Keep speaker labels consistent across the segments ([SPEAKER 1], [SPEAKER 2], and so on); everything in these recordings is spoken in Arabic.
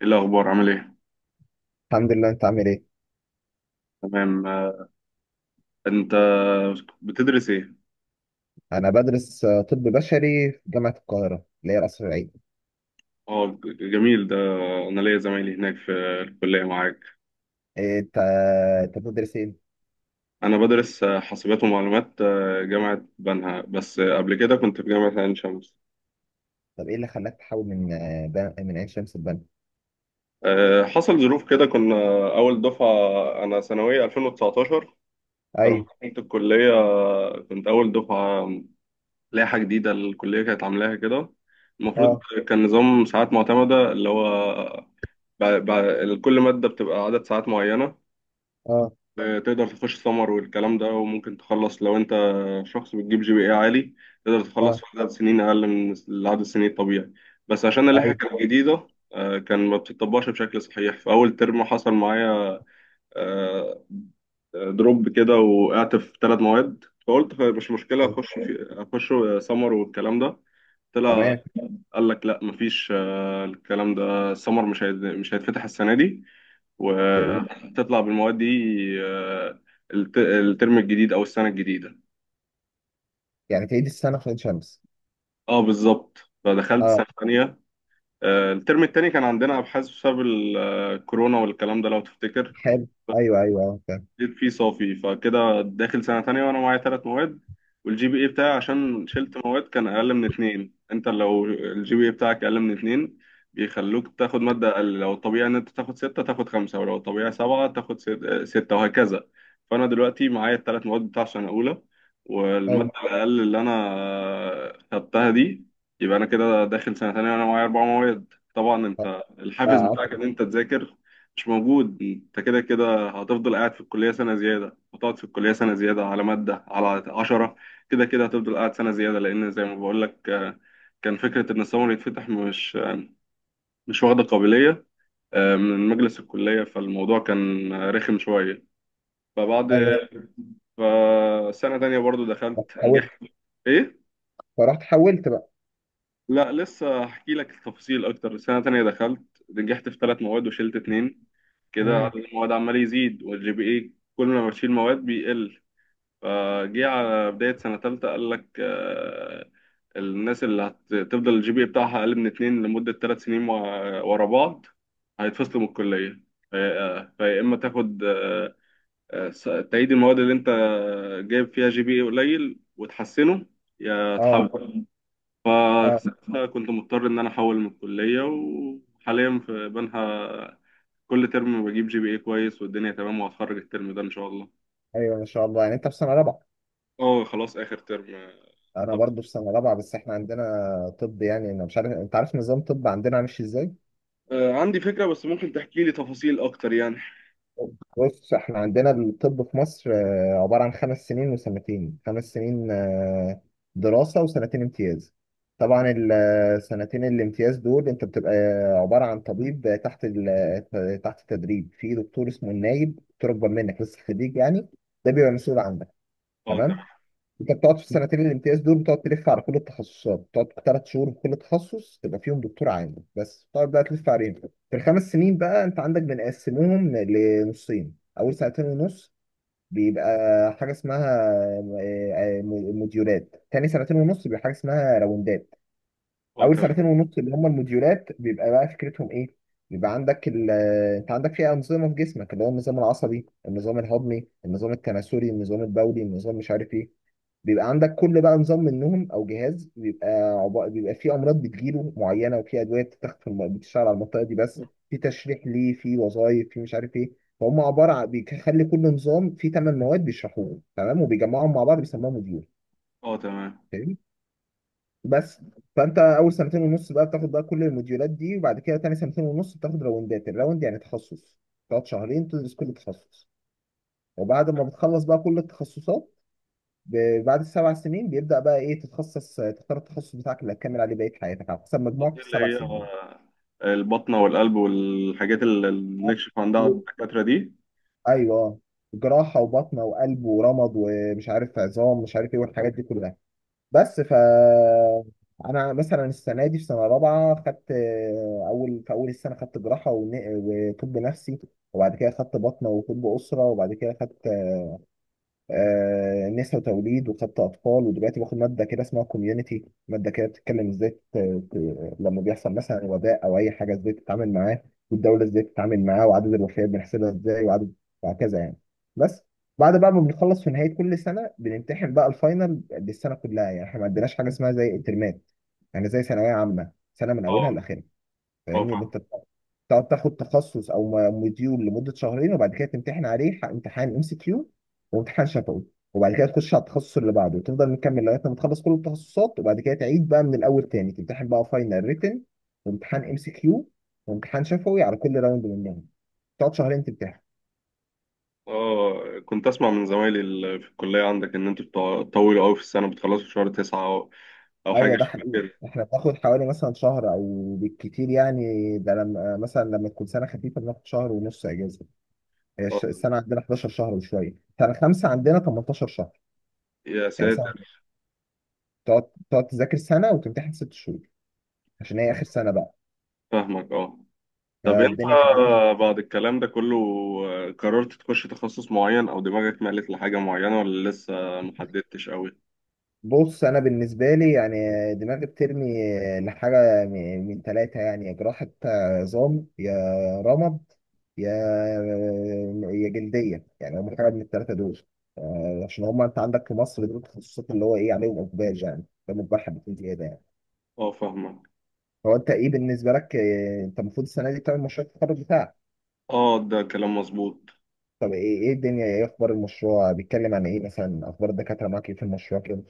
[SPEAKER 1] ايه الاخبار؟ عامل ايه؟
[SPEAKER 2] الحمد لله، انت عامل ايه؟
[SPEAKER 1] تمام، انت بتدرس ايه؟
[SPEAKER 2] انا بدرس طب بشري في جامعة القاهرة اللي هي القصر العيني.
[SPEAKER 1] اه، جميل ده. انا ليا زمايلي هناك في الكليه معاك.
[SPEAKER 2] إيه، انت بتدرس ايه؟
[SPEAKER 1] انا بدرس حاسبات ومعلومات، جامعه بنها، بس قبل كده كنت في جامعه عين شمس.
[SPEAKER 2] طب ايه اللي خلاك تحول من عين شمس لبنا؟
[SPEAKER 1] حصل ظروف كده. كنا اول دفعه، انا ثانويه 2019. فلما
[SPEAKER 2] ايوه،
[SPEAKER 1] دخلت الكليه كنت اول دفعه، لائحه جديده الكليه كانت عاملاها كده. المفروض
[SPEAKER 2] اه،
[SPEAKER 1] كان نظام ساعات معتمده، اللي هو كل مادة بتبقى عدد ساعات معينة.
[SPEAKER 2] اه،
[SPEAKER 1] تقدر تخش سمر والكلام ده، وممكن تخلص لو انت شخص بتجيب جي بي اي عالي، تقدر تخلص
[SPEAKER 2] اه،
[SPEAKER 1] في عدد سنين اقل من العدد السنين الطبيعي. بس عشان اللائحه
[SPEAKER 2] ايوه،
[SPEAKER 1] كانت جديده كان ما بتطبقش بشكل صحيح في اول ترم. حصل معايا آه، دروب كده، وقعت في ثلاث مواد، فقلت مش مشكله،
[SPEAKER 2] ايوه،
[SPEAKER 1] اخش في اخش سمر والكلام ده. طلع
[SPEAKER 2] تمام.
[SPEAKER 1] قال لك لا، مفيش، الكلام ده سمر، مش هيتفتح السنه دي،
[SPEAKER 2] ده ايه؟
[SPEAKER 1] وهتطلع بالمواد دي. آه، الترم الجديد او السنه الجديده.
[SPEAKER 2] يعني تعيد السنة في عين شمس.
[SPEAKER 1] اه، بالظبط. فدخلت
[SPEAKER 2] اه،
[SPEAKER 1] سنه ثانيه. الترم التاني كان عندنا ابحاث بسبب الكورونا والكلام ده لو تفتكر.
[SPEAKER 2] حلو. ايوه، ايوه، اه، فاهم.
[SPEAKER 1] جيت فيه صافي، فكده داخل سنة تانية وأنا معايا تلات مواد. والجي بي إيه بتاعي عشان شلت مواد كان أقل من اتنين. أنت لو الجي بي إيه بتاعك أقل من اتنين بيخلوك تاخد مادة أقل، لو الطبيعي إن أنت تاخد ستة تاخد خمسة، ولو الطبيعي سبعة تاخد ستة وهكذا. فأنا دلوقتي معايا التلات مواد بتاع سنة أولى، والمادة
[SPEAKER 2] ايوه.
[SPEAKER 1] الأقل اللي أنا خدتها دي. يبقى أنا كده داخل سنة تانية وأنا معايا أربع مواد. طبعا
[SPEAKER 2] اه.
[SPEAKER 1] أنت
[SPEAKER 2] لا،
[SPEAKER 1] الحافز
[SPEAKER 2] عارف.
[SPEAKER 1] بتاعك إن أنت تذاكر مش موجود. أنت كده كده هتفضل قاعد في الكلية سنة زيادة، هتقعد في الكلية سنة زيادة على مادة، على عشرة كده كده هتفضل قاعد سنة زيادة، لأن زي ما بقول لك كان فكرة إن السمر يتفتح مش مش واخدة قابلية من مجلس الكلية. فالموضوع كان رخم شوية. فبعد،
[SPEAKER 2] ايوه.
[SPEAKER 1] فسنة تانية برضو
[SPEAKER 2] رحت
[SPEAKER 1] دخلت
[SPEAKER 2] حولت؟
[SPEAKER 1] نجحت. إيه؟
[SPEAKER 2] فرحت حولت بقى.
[SPEAKER 1] لا، لسه هحكي لك التفاصيل أكتر. سنة تانية دخلت نجحت في ثلاث مواد وشلت اتنين. كده
[SPEAKER 2] امم.
[SPEAKER 1] عدد المواد عمال يزيد والجي بي إيه كل ما بشيل مواد بيقل. فجه على بداية سنة تالتة قال لك الناس اللي هتفضل الجي بي إيه بتاعها أقل من اتنين لمدة 3 سنين ورا بعض هيتفصلوا من الكلية. فيا إما تاخد آه، س- تعيد المواد اللي أنت جايب فيها جي بي إيه قليل وتحسنه، يا
[SPEAKER 2] اه.
[SPEAKER 1] تحول.
[SPEAKER 2] اه.
[SPEAKER 1] فكنت مضطر إن أنا أحول من الكلية، وحاليا في بنها كل ترم بجيب جي بي اي كويس والدنيا تمام، وهتخرج الترم ده إن شاء الله.
[SPEAKER 2] ايوه، ما شاء الله، يعني انت في سنة رابعة.
[SPEAKER 1] اه، خلاص آخر ترم.
[SPEAKER 2] انا برضو في سنه رابعه، بس احنا عندنا طب. يعني انا مش عارف انت عارف نظام طب عندنا ماشي ازاي.
[SPEAKER 1] عندي فكرة، بس ممكن تحكي لي تفاصيل أكتر يعني.
[SPEAKER 2] بص، احنا عندنا الطب في مصر عباره عن خمس سنين وسنتين. خمس سنين دراسه، وسنتين امتياز. طبعا السنتين الامتياز دول انت بتبقى عباره عن طبيب تحت التدريب، في دكتور اسمه النايب، دكتور اكبر منك لسه خريج يعني، ده بيبقى مسؤول عنك.
[SPEAKER 1] أه،
[SPEAKER 2] تمام.
[SPEAKER 1] تمام.
[SPEAKER 2] انت بتقعد في السنتين الامتياز دول، بتقعد تلف على كل التخصصات، بتقعد ثلاث شهور في كل تخصص، تبقى فيهم دكتور عام بس، بتقعد بقى تلف عليهم. في الخمس سنين بقى، انت عندك بنقسمهم لنصين: اول سنتين ونص بيبقى حاجه اسمها آه، آه، موديولات، تاني سنتين ونص بيبقى حاجه اسمها راوندات.
[SPEAKER 1] أه،
[SPEAKER 2] اول
[SPEAKER 1] تمام.
[SPEAKER 2] سنتين ونص اللي هم الموديولات بيبقى بقى فكرتهم ايه: بيبقى عندك ال انت عندك فيها انظمه في جسمك، اللي هو النظام العصبي، النظام الهضمي، النظام التناسلي، النظام البولي، النظام مش عارف ايه. بيبقى عندك كل بقى نظام منهم او جهاز، بيبقى فيه امراض بتجيله معينه، وفي ادويه بتتاخد في بتشتغل على المنطقه دي بس، في تشريح ليه، في وظائف، في مش عارف ايه. فهم عباره عن بيخلي كل نظام فيه ثمان مواد بيشرحوهم، تمام؟ وبيجمعهم مع بعض بيسموها موديول.
[SPEAKER 1] أه، تمام.
[SPEAKER 2] فاهمني؟ بس فانت اول سنتين ونص بقى بتاخد بقى كل الموديولات دي، وبعد كده تاني سنتين ونص بتاخد راوندات. الراوند يعني تخصص، تقعد شهرين تدرس كل تخصص، وبعد ما بتخلص بقى كل التخصصات، بعد السبع سنين بيبدأ بقى ايه، تتخصص، تختار التخصص بتاعك اللي هتكمل عليه بقية حياتك على حسب مجموعك في
[SPEAKER 1] دي اللي
[SPEAKER 2] السبع
[SPEAKER 1] هي
[SPEAKER 2] سنين.
[SPEAKER 1] البطنة والقلب والحاجات اللي بنكشف عندها على
[SPEAKER 2] و-
[SPEAKER 1] الدكاترة دي.
[SPEAKER 2] ايوه، جراحة وبطنة وقلب ورمد ومش عارف عظام مش عارف ايه والحاجات دي كلها. بس ف انا مثلا السنة دي في سنة رابعة خدت آه، اول في اول السنة خدت جراحة وطب نفسي، وبعد كده خدت بطنة وطب أسرة، وبعد كده خدت نساء وتوليد، وخدت اطفال، ودلوقتي باخد ماده كده اسمها كوميونتي، ماده كده بتتكلم ازاي لما بيحصل مثلا وباء او اي حاجه ازاي تتعامل معاه، والدوله ازاي تتعامل معاه، وعدد الوفيات بنحسبها ازاي، وعدد، وهكذا يعني. بس بعد بقى ما بنخلص في نهايه كل سنه بنمتحن بقى الفاينل للسنه كلها. يعني احنا ما عندناش حاجه اسمها زي الترمات، يعني زي ثانويه عامه، سنه من اولها
[SPEAKER 1] أه.
[SPEAKER 2] لاخرها.
[SPEAKER 1] أه،
[SPEAKER 2] فاهمني؟ اللي انت
[SPEAKER 1] فاهم.
[SPEAKER 2] تقعد تاخد تخصص او مديول لمده شهرين، وبعد كده تمتحن عليه امتحان ام سي كيو وامتحان شفوي، وبعد كده تخش على التخصص اللي بعده، وتفضل مكمل لغايه ما تخلص كل التخصصات، وبعد كده تعيد بقى من الاول تاني، تمتحن بقى فاينل ريتن وامتحان ام سي كيو وامتحان شفوي على كل راوند منهم، تقعد شهرين تمتحن.
[SPEAKER 1] أه، كنت أسمع من زمايلي اللي في الكلية عندك إن أنتوا بتطولوا أوي في السنة، بتخلصوا في شهر 9 أو أو
[SPEAKER 2] ايوه،
[SPEAKER 1] حاجة
[SPEAKER 2] ده
[SPEAKER 1] شبه
[SPEAKER 2] حقيقي.
[SPEAKER 1] كده.
[SPEAKER 2] احنا بناخد حوالي مثلا شهر او بالكتير يعني، ده لما مثلا لما تكون سنه خفيفه بناخد شهر ونص اجازه. هي
[SPEAKER 1] أه.
[SPEAKER 2] السنه عندنا 11 شهر وشويه، سنه خمسه عندنا 18 شهر
[SPEAKER 1] يا
[SPEAKER 2] يعني. سنة،
[SPEAKER 1] ساتر.
[SPEAKER 2] تقعد تذاكر سنة وتمتحن ست شهور، عشان هي آخر سنة بقى.
[SPEAKER 1] فاهمك أه. طب أنت
[SPEAKER 2] فالدنيا
[SPEAKER 1] بعد الكلام ده كله قررت تخش تخصص معين أو دماغك مالت لحاجة معينة ولا لسه محددتش أوي؟
[SPEAKER 2] بص، أنا بالنسبة لي يعني دماغي بترمي لحاجة من تلاتة، يعني يا جراحة عظام، يا رمد، يا، يا جلدية، يعني هم حاجة من التلاتة دول. عشان هم أنت عندك في مصر دول التخصصات اللي هو إيه عليهم إقبال يعني، ده مجبر حبتين زيادة يعني.
[SPEAKER 1] اه، فاهمك.
[SPEAKER 2] هو أنت إيه بالنسبة لك؟ أنت المفروض السنة دي تعمل مشروع التخرج بتاعك.
[SPEAKER 1] اه، ده كلام مظبوط.
[SPEAKER 2] طب ايه، ايه الدنيا، ايه اخبار المشروع، بيتكلم عن ايه مثلا؟ اخبار الدكاتره معاك ايه في المشروع كده؟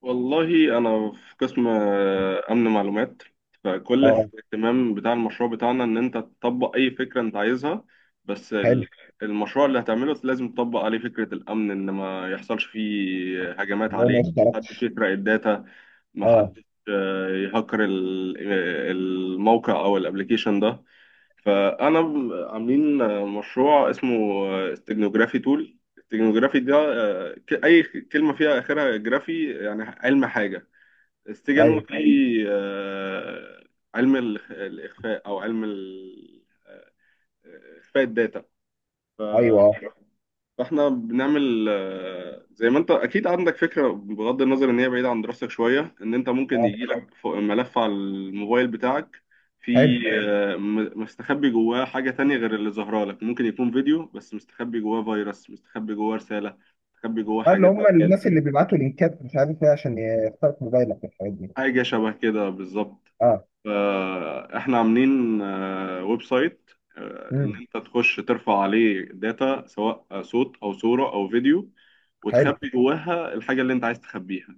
[SPEAKER 1] والله انا في قسم امن معلومات. فكل
[SPEAKER 2] اه.
[SPEAKER 1] الاهتمام بتاع المشروع بتاعنا ان انت تطبق اي فكره انت عايزها، بس
[SPEAKER 2] حلو.
[SPEAKER 1] المشروع اللي هتعمله لازم تطبق عليه فكره الامن، ان ما يحصلش فيه هجمات
[SPEAKER 2] اللي هو ما
[SPEAKER 1] عليه، محدش
[SPEAKER 2] اشتركتش.
[SPEAKER 1] يسرق الداتا،
[SPEAKER 2] اه.
[SPEAKER 1] محدش يهكر الموقع او الابليكيشن ده. فانا عاملين مشروع اسمه استجنوجرافي تول. استجنوجرافي ده اي كلمه فيها اخرها جرافي يعني علم حاجه. استجنو
[SPEAKER 2] ايوه،
[SPEAKER 1] في آه، علم الاخفاء او علم اخفاء الداتا.
[SPEAKER 2] ايوه. اه.
[SPEAKER 1] فاحنا بنعمل زي ما انت اكيد عندك فكره، بغض النظر ان هي بعيده عن دراستك شويه، ان انت ممكن
[SPEAKER 2] اه،
[SPEAKER 1] يجي لك ملف على الموبايل بتاعك
[SPEAKER 2] حلو.
[SPEAKER 1] في مستخبي جواه حاجه تانية غير اللي ظاهره لك. ممكن يكون فيديو بس مستخبي جواه فيروس، مستخبي جواه رساله، مستخبي جواه
[SPEAKER 2] اه، اللي
[SPEAKER 1] حاجه
[SPEAKER 2] هم
[SPEAKER 1] زي
[SPEAKER 2] الناس
[SPEAKER 1] كده.
[SPEAKER 2] اللي بيبعتوا لينكات مش عارف ايه عشان يخترق موبايلك والحاجات دي.
[SPEAKER 1] حاجه شبه كده بالظبط.
[SPEAKER 2] اه.
[SPEAKER 1] فاحنا عاملين ويب سايت ان
[SPEAKER 2] امم.
[SPEAKER 1] انت تخش ترفع عليه داتا سواء صوت او صورة او فيديو،
[SPEAKER 2] حلو.
[SPEAKER 1] وتخبي جواها الحاجة اللي انت عايز تخبيها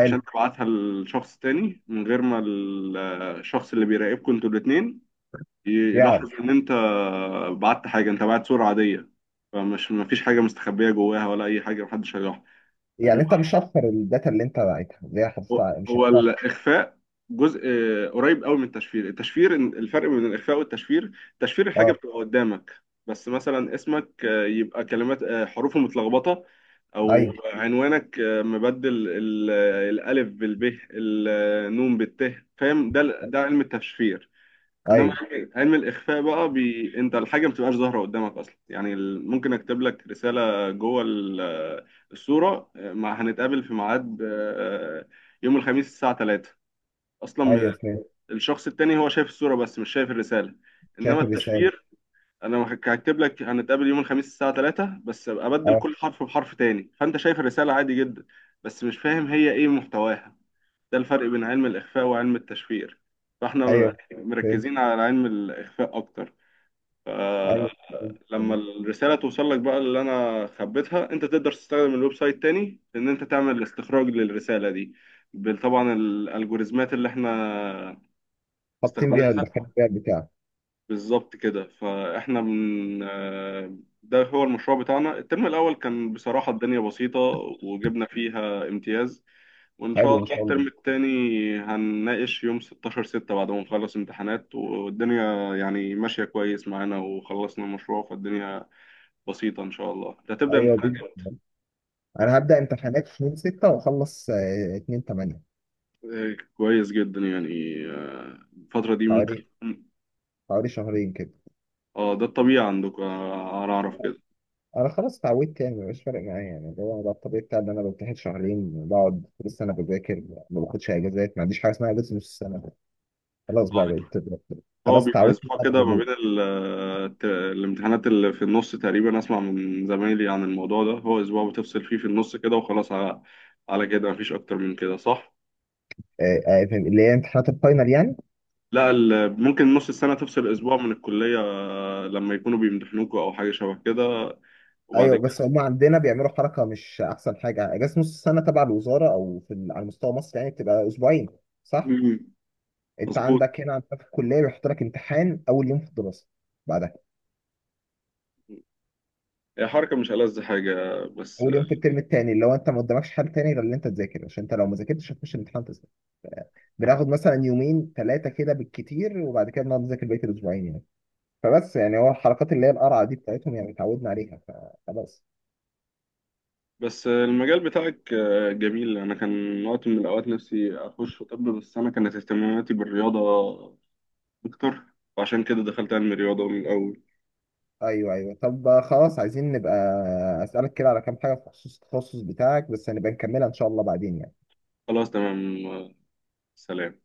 [SPEAKER 1] عشان تبعتها لشخص تاني من غير ما الشخص اللي بيراقبكم انتوا الاتنين
[SPEAKER 2] يعني.
[SPEAKER 1] يلاحظ ان انت بعت حاجة. انت بعت صورة عادية، فمش، مفيش حاجة مستخبية جواها ولا اي حاجة، محدش هيلاحظ.
[SPEAKER 2] يعني انت مش هتخسر الداتا اللي انت باعتها، اللي هي
[SPEAKER 1] هو
[SPEAKER 2] حافظتها مش
[SPEAKER 1] هو
[SPEAKER 2] هتخسر.
[SPEAKER 1] الاخفاء جزء قريب قوي من التشفير. التشفير، الفرق بين الاخفاء والتشفير: تشفير الحاجه
[SPEAKER 2] اه.
[SPEAKER 1] بتبقى قدامك، بس مثلا اسمك يبقى كلمات، حروفه متلخبطه، او
[SPEAKER 2] ايوه.
[SPEAKER 1] عنوانك مبدل الالف بالب، النون بالت. فاهم؟ ده علم التشفير. انما
[SPEAKER 2] ايوه.
[SPEAKER 1] علم الاخفاء بقى، انت الحاجه ما بتبقاش ظاهره قدامك اصلا. يعني ممكن اكتب لك رساله جوه الصوره، مع هنتقابل في ميعاد يوم الخميس الساعه 3 اصلا.
[SPEAKER 2] ايوه، فهمت.
[SPEAKER 1] الشخص التاني هو شايف الصوره بس مش شايف الرساله. انما
[SPEAKER 2] شايف الرساله.
[SPEAKER 1] التشفير، انا هكتب لك هنتقابل يوم الخميس الساعه 3، بس أبقى ابدل
[SPEAKER 2] اه.
[SPEAKER 1] كل حرف بحرف تاني، فانت شايف الرساله عادي جدا بس مش فاهم هي ايه محتواها. ده الفرق بين علم الاخفاء وعلم التشفير. فاحنا
[SPEAKER 2] ايوه، فهمت.
[SPEAKER 1] مركزين على علم الإخفاء أكتر. آه،
[SPEAKER 2] ايوه، فهمت
[SPEAKER 1] لما
[SPEAKER 2] فهمت.
[SPEAKER 1] الرسالة توصل لك بقى اللي أنا خبيتها، أنت تقدر تستخدم الويب سايت تاني إن أنت تعمل استخراج للرسالة دي طبعا الألجوريزمات اللي إحنا
[SPEAKER 2] حاطين
[SPEAKER 1] مستخدمينها.
[SPEAKER 2] بيها الدكاتره بتاعك.
[SPEAKER 1] بالظبط كده. فإحنا من، ده هو المشروع بتاعنا. الترم الأول كان بصراحة الدنيا بسيطة وجبنا فيها امتياز. وإن شاء
[SPEAKER 2] حلو، ما
[SPEAKER 1] الله
[SPEAKER 2] شاء
[SPEAKER 1] الترم
[SPEAKER 2] الله.
[SPEAKER 1] التاني هنناقش يوم 16/6 بعد ما نخلص امتحانات، والدنيا يعني ماشية كويس معانا وخلصنا المشروع، فالدنيا بسيطة إن شاء الله. أنت هتبدأ
[SPEAKER 2] ايوه دي.
[SPEAKER 1] امتحانات إمتى؟
[SPEAKER 2] انا هبدأ امتحانات في 2/6 واخلص 2/8.
[SPEAKER 1] كويس جدا يعني. الفترة دي ممكن
[SPEAKER 2] حوالي
[SPEAKER 1] تكون-
[SPEAKER 2] حوالي شهرين كده.
[SPEAKER 1] اه، ده الطبيعي عندكم. أنا أعرف كده.
[SPEAKER 2] انا خلاص اتعودت يعني، مبقاش فارق معايا يعني، اللي هو ده الطبيعي بتاعي ان انا بمتحن شهرين، بقعد لسه انا بذاكر، ما باخدش اجازات، ما عنديش حاجه اسمها اجازه نص السنه، خلاص
[SPEAKER 1] آه،
[SPEAKER 2] بقى بقيت.
[SPEAKER 1] هو
[SPEAKER 2] خلاص،
[SPEAKER 1] بيبقى
[SPEAKER 2] اتعودت
[SPEAKER 1] أسبوع
[SPEAKER 2] بقى
[SPEAKER 1] كده ما
[SPEAKER 2] بهبوط.
[SPEAKER 1] بين الامتحانات اللي في النص تقريبا. أسمع من زمايلي عن الموضوع ده، هو أسبوع بتفصل فيه في النص كده وخلاص، على كده مفيش أكتر من كده صح؟
[SPEAKER 2] فاهم؟ اللي هي امتحانات الفاينل يعني.
[SPEAKER 1] لا، ممكن نص السنة تفصل أسبوع من الكلية لما يكونوا بيمتحنوكوا أو حاجة شبه كده وبعد
[SPEAKER 2] ايوه،
[SPEAKER 1] كده.
[SPEAKER 2] بس هم عندنا بيعملوا حركه مش احسن حاجه: اجازه نص السنه تبع الوزاره او في على مستوى مصر يعني بتبقى اسبوعين، صح؟
[SPEAKER 1] مم.
[SPEAKER 2] انت
[SPEAKER 1] مظبوط.
[SPEAKER 2] عندك هنا، عندك في الكليه بيحط لك امتحان اول يوم في الدراسه بعدها،
[SPEAKER 1] هي حركة مش ألذ حاجة بس.
[SPEAKER 2] اول يوم في الترم الثاني، اللي هو انت ما قدامكش حل تاني غير ان انت تذاكر، عشان انت لو ما ذاكرتش هتخش الامتحان تسقط. بناخد مثلا يومين ثلاثه كده بالكتير، وبعد كده بنقعد نذاكر بقيه الاسبوعين يعني. فبس يعني هو الحركات اللي هي القرعه دي بتاعتهم يعني اتعودنا عليها فخلاص.
[SPEAKER 1] بس المجال بتاعك جميل. أنا كان وقت من الأوقات نفسي أخش في طب، بس أنا كانت اهتماماتي بالرياضة أكتر، وعشان كده دخلت علم الرياضة من الأول.
[SPEAKER 2] ايوه، ايوه. طب خلاص، عايزين نبقى اسالك كده على كام حاجه في خصوص التخصص بتاعك بس، هنبقى نكملها ان شاء الله بعدين يعني.
[SPEAKER 1] خلاص تمام. سلام.